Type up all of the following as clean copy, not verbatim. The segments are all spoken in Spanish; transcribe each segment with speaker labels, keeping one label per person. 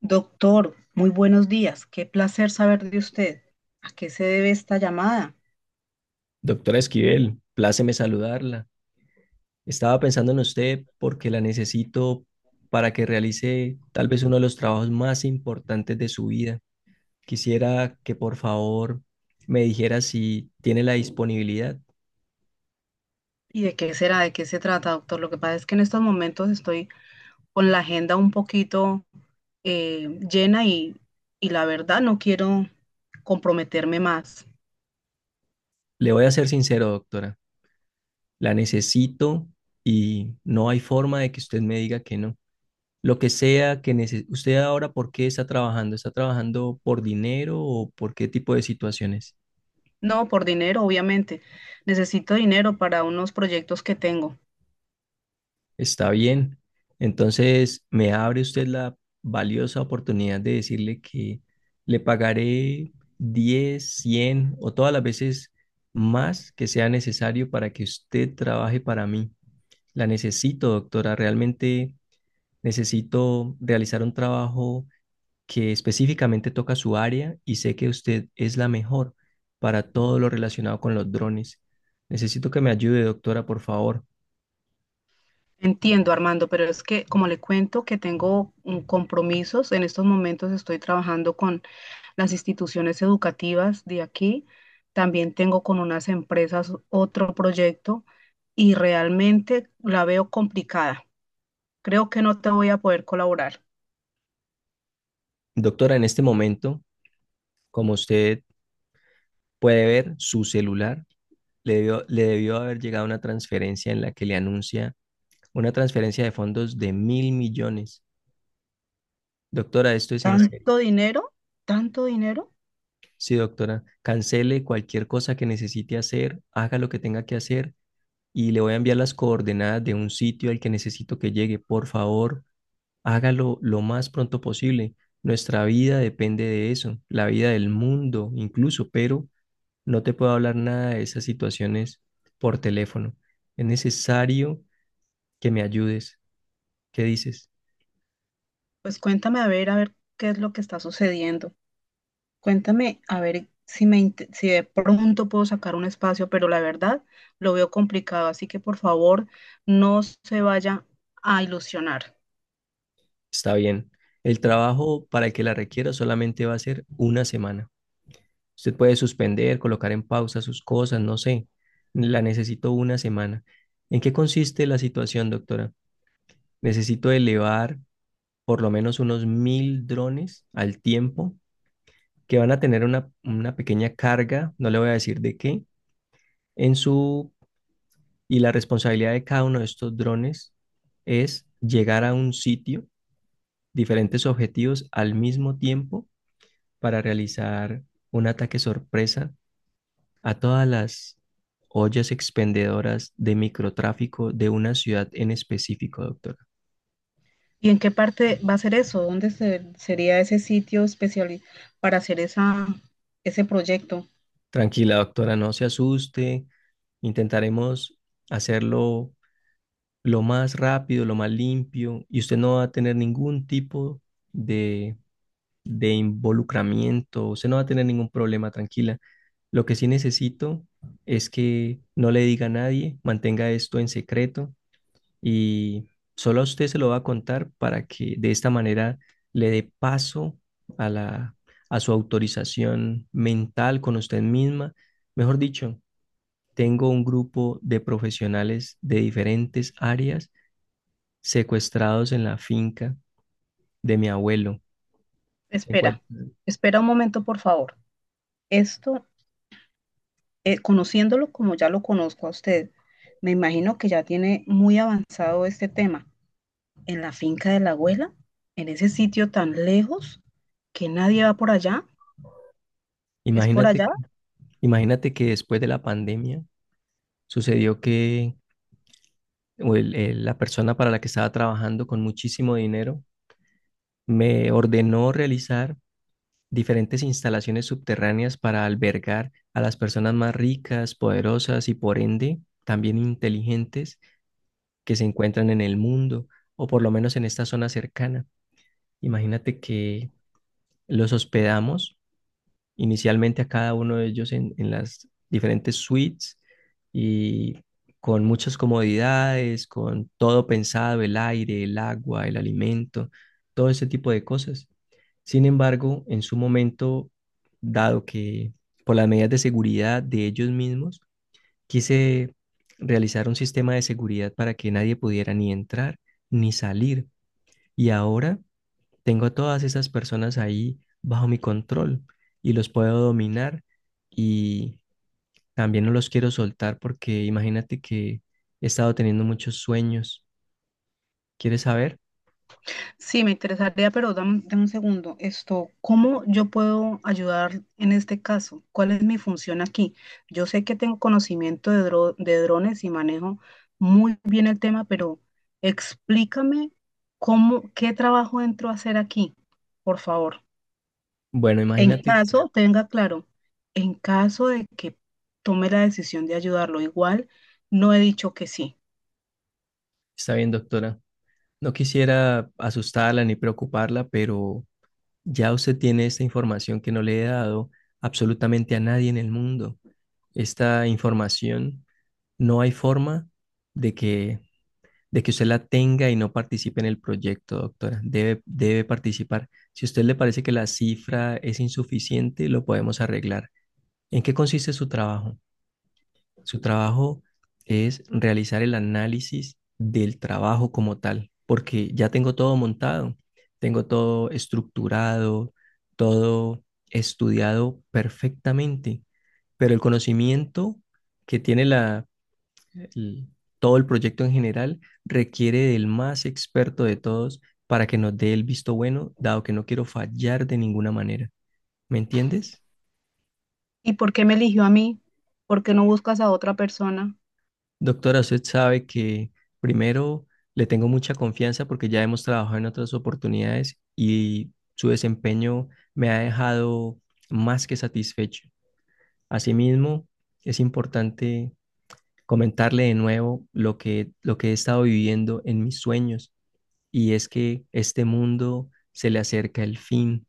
Speaker 1: Doctor, muy buenos días. Qué placer saber de usted. ¿A qué se debe esta llamada?
Speaker 2: Doctora Esquivel, pláceme saludarla. Estaba pensando en usted porque la necesito para que realice tal vez uno de los trabajos más importantes de su vida. Quisiera que por favor me dijera si tiene la disponibilidad.
Speaker 1: ¿Y de qué será? ¿De qué se trata, doctor? Lo que pasa es que en estos momentos estoy con la agenda un poquito llena y la verdad no quiero comprometerme más.
Speaker 2: Le voy a ser sincero, doctora. La necesito y no hay forma de que usted me diga que no. Lo que sea que usted ahora, ¿por qué está trabajando? ¿Está trabajando por dinero o por qué tipo de situaciones?
Speaker 1: No, por dinero, obviamente. Necesito dinero para unos proyectos que tengo.
Speaker 2: Está bien. Entonces, me abre usted la valiosa oportunidad de decirle que le pagaré 10 100 o todas las veces más que sea necesario para que usted trabaje para mí. La necesito, doctora. Realmente necesito realizar un trabajo que específicamente toca su área y sé que usted es la mejor para todo lo relacionado con los drones. Necesito que me ayude, doctora, por favor.
Speaker 1: Entiendo, Armando, pero es que como le cuento que tengo compromisos, en estos momentos estoy trabajando con las instituciones educativas de aquí, también tengo con unas empresas otro proyecto y realmente la veo complicada. Creo que no te voy a poder colaborar. Correcto.
Speaker 2: Doctora, en este momento, como usted puede ver su celular. Le debió haber llegado una transferencia en la que le anuncia una transferencia de fondos de 1.000 millones. Doctora, esto es en serio.
Speaker 1: ¿Tanto dinero? ¿Tanto dinero?
Speaker 2: Sí, doctora, cancele cualquier cosa que necesite hacer, haga lo que tenga que hacer y le voy a enviar las coordenadas de un sitio al que necesito que llegue. Por favor, hágalo lo más pronto posible. Nuestra vida depende de eso, la vida del mundo incluso, pero no te puedo hablar nada de esas situaciones por teléfono. Es necesario que me ayudes. ¿Qué dices?
Speaker 1: Pues cuéntame a ver qué es lo que está sucediendo. Cuéntame, a ver si si de pronto puedo sacar un espacio, pero la verdad lo veo complicado, así que por favor no se vaya a ilusionar.
Speaker 2: Está bien. El trabajo para el que la requiera solamente va a ser una semana. Usted puede suspender, colocar en pausa sus cosas, no sé. La necesito una semana. ¿En qué consiste la situación, doctora? Necesito elevar por lo menos unos 1.000 drones al tiempo que van a tener una pequeña carga, no le voy a decir de qué, en su. Y la responsabilidad de cada uno de estos drones es llegar a un sitio, diferentes objetivos al mismo tiempo para realizar un ataque sorpresa a todas las ollas expendedoras de microtráfico de una ciudad en específico, doctora.
Speaker 1: ¿Y en qué parte va a ser eso? ¿Dónde sería ese sitio especial para hacer ese proyecto?
Speaker 2: Tranquila, doctora, no se asuste. Intentaremos hacerlo lo más rápido, lo más limpio, y usted no va a tener ningún tipo de de involucramiento, usted no va a tener ningún problema, tranquila. Lo que sí necesito es que no le diga a nadie, mantenga esto en secreto y solo a usted se lo va a contar para que de esta manera le dé paso a la, a su autorización mental con usted misma. Mejor dicho, tengo un grupo de profesionales de diferentes áreas secuestrados en la finca de mi abuelo. Se
Speaker 1: Espera,
Speaker 2: encuentran.
Speaker 1: espera un momento, por favor. Esto, conociéndolo como ya lo conozco a usted, me imagino que ya tiene muy avanzado este tema. En la finca de la abuela, en ese sitio tan lejos que nadie va por allá. ¿Es por
Speaker 2: Imagínate
Speaker 1: allá?
Speaker 2: Imagínate que después de la pandemia sucedió que la persona para la que estaba trabajando con muchísimo dinero me ordenó realizar diferentes instalaciones subterráneas para albergar a las personas más ricas, poderosas y por ende también inteligentes que se encuentran en el mundo o por lo menos en esta zona cercana. Imagínate que los hospedamos inicialmente a cada uno de ellos en las diferentes suites y con muchas comodidades, con todo pensado, el aire, el agua, el alimento, todo ese tipo de cosas. Sin embargo, en su momento, dado que por las medidas de seguridad de ellos mismos, quise realizar un sistema de seguridad para que nadie pudiera ni entrar ni salir. Y ahora tengo a todas esas personas ahí bajo mi control y los puedo dominar y también no los quiero soltar porque imagínate que he estado teniendo muchos sueños. ¿Quieres saber?
Speaker 1: Sí, me interesaría, pero dame, dame un segundo. Esto, ¿cómo yo puedo ayudar en este caso? ¿Cuál es mi función aquí? Yo sé que tengo conocimiento de, de drones y manejo muy bien el tema, pero explícame cómo, qué trabajo entro a hacer aquí, por favor.
Speaker 2: Bueno,
Speaker 1: En
Speaker 2: imagínate,
Speaker 1: caso, tenga claro, en caso de que tome la decisión de ayudarlo, igual no he dicho que sí.
Speaker 2: está bien, doctora. No quisiera asustarla ni preocuparla, pero ya usted tiene esta información que no le he dado absolutamente a nadie en el mundo. Esta información no hay forma de que de que usted la tenga y no participe en el proyecto, doctora. Debe participar. Si a usted le parece que la cifra es insuficiente, lo podemos arreglar. ¿En qué consiste su trabajo? Su trabajo es realizar el análisis del trabajo como tal, porque ya tengo todo montado, tengo todo estructurado, todo estudiado perfectamente, pero el conocimiento que tiene l- todo el proyecto en general requiere del más experto de todos para que nos dé el visto bueno, dado que no quiero fallar de ninguna manera. ¿Me entiendes?
Speaker 1: ¿Y por qué me eligió a mí? ¿Por qué no buscas a otra persona?
Speaker 2: Doctora, usted sabe que primero le tengo mucha confianza porque ya hemos trabajado en otras oportunidades y su desempeño me ha dejado más que satisfecho. Asimismo, es importante comentarle de nuevo lo que he estado viviendo en mis sueños y es que este mundo se le acerca el fin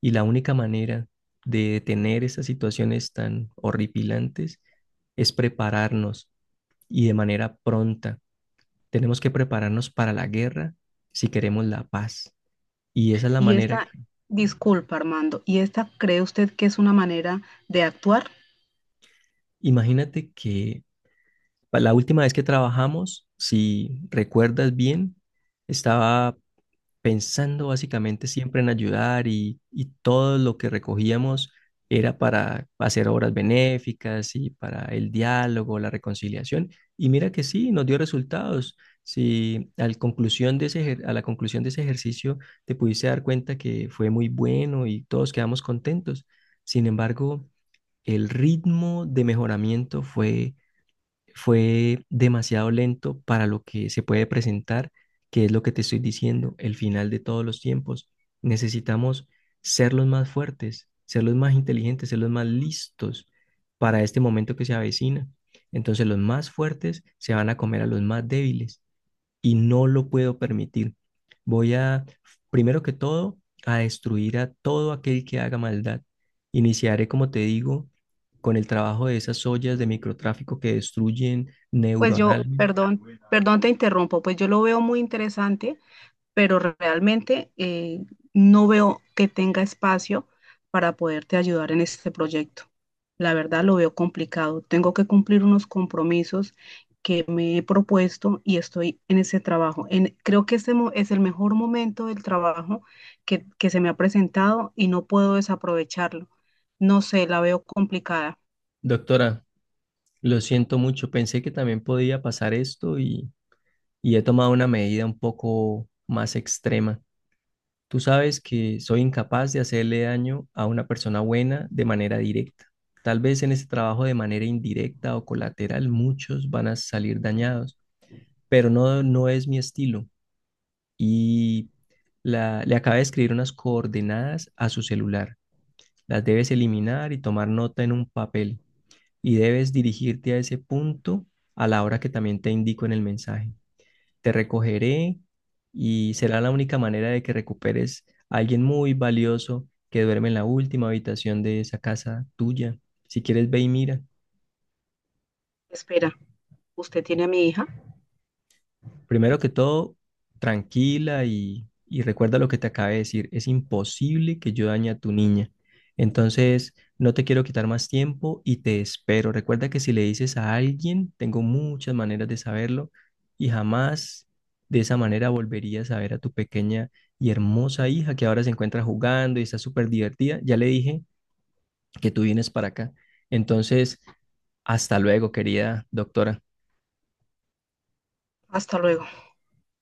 Speaker 2: y la única manera de detener esas situaciones tan horripilantes es prepararnos y de manera pronta. Tenemos que prepararnos para la guerra si queremos la paz. Y esa es la
Speaker 1: Y
Speaker 2: manera que,
Speaker 1: esta, disculpa, Armando, ¿y esta cree usted que es una manera de actuar?
Speaker 2: imagínate que la última vez que trabajamos, si recuerdas bien, estaba pensando básicamente siempre en ayudar y todo lo que recogíamos era para hacer obras benéficas y para el diálogo, la reconciliación. Y mira que sí, nos dio resultados. Si al conclusión de ese, ejer- A la conclusión de ese ejercicio te pudiste dar cuenta que fue muy bueno y todos quedamos contentos. Sin embargo, el ritmo de mejoramiento fue fue demasiado lento para lo que se puede presentar, que es lo que te estoy diciendo, el final de todos los tiempos. Necesitamos ser los más fuertes, ser los más inteligentes, ser los más listos para este momento que se avecina. Entonces los más fuertes se van a comer a los más débiles y no lo puedo permitir. Voy a, primero que todo, a destruir a todo aquel que haga maldad. Iniciaré, como te digo, con el trabajo de esas ollas de microtráfico que destruyen
Speaker 1: Pues yo,
Speaker 2: neuronalmente.
Speaker 1: perdón, perdón, te interrumpo, pues yo lo veo muy interesante pero realmente no veo que tenga espacio para poderte ayudar en este proyecto. La verdad lo veo complicado. Tengo que cumplir unos compromisos que me he propuesto y estoy en ese trabajo. En, creo que este es el mejor momento del trabajo que se me ha presentado y no puedo desaprovecharlo. No sé, la veo complicada.
Speaker 2: Doctora, lo siento mucho, pensé que también podía pasar esto y he tomado una medida un poco más extrema. Tú sabes que soy incapaz de hacerle daño a una persona buena de manera directa. Tal vez en ese trabajo de manera indirecta o colateral muchos van a salir dañados, pero no, no es mi estilo. Y le acabé de escribir unas coordenadas a su celular. Las debes eliminar y tomar nota en un papel. Y debes dirigirte a ese punto a la hora que también te indico en el mensaje. Te recogeré y será la única manera de que recuperes a alguien muy valioso que duerme en la última habitación de esa casa tuya. Si quieres, ve y mira.
Speaker 1: Espera, ¿usted tiene a mi hija?
Speaker 2: Primero que todo, tranquila y recuerda lo que te acabé de decir. Es imposible que yo dañe a tu niña. Entonces, no te quiero quitar más tiempo y te espero. Recuerda que si le dices a alguien, tengo muchas maneras de saberlo y jamás de esa manera volverías a ver a tu pequeña y hermosa hija que ahora se encuentra jugando y está súper divertida. Ya le dije que tú vienes para acá. Entonces, hasta luego, querida doctora.
Speaker 1: Hasta luego.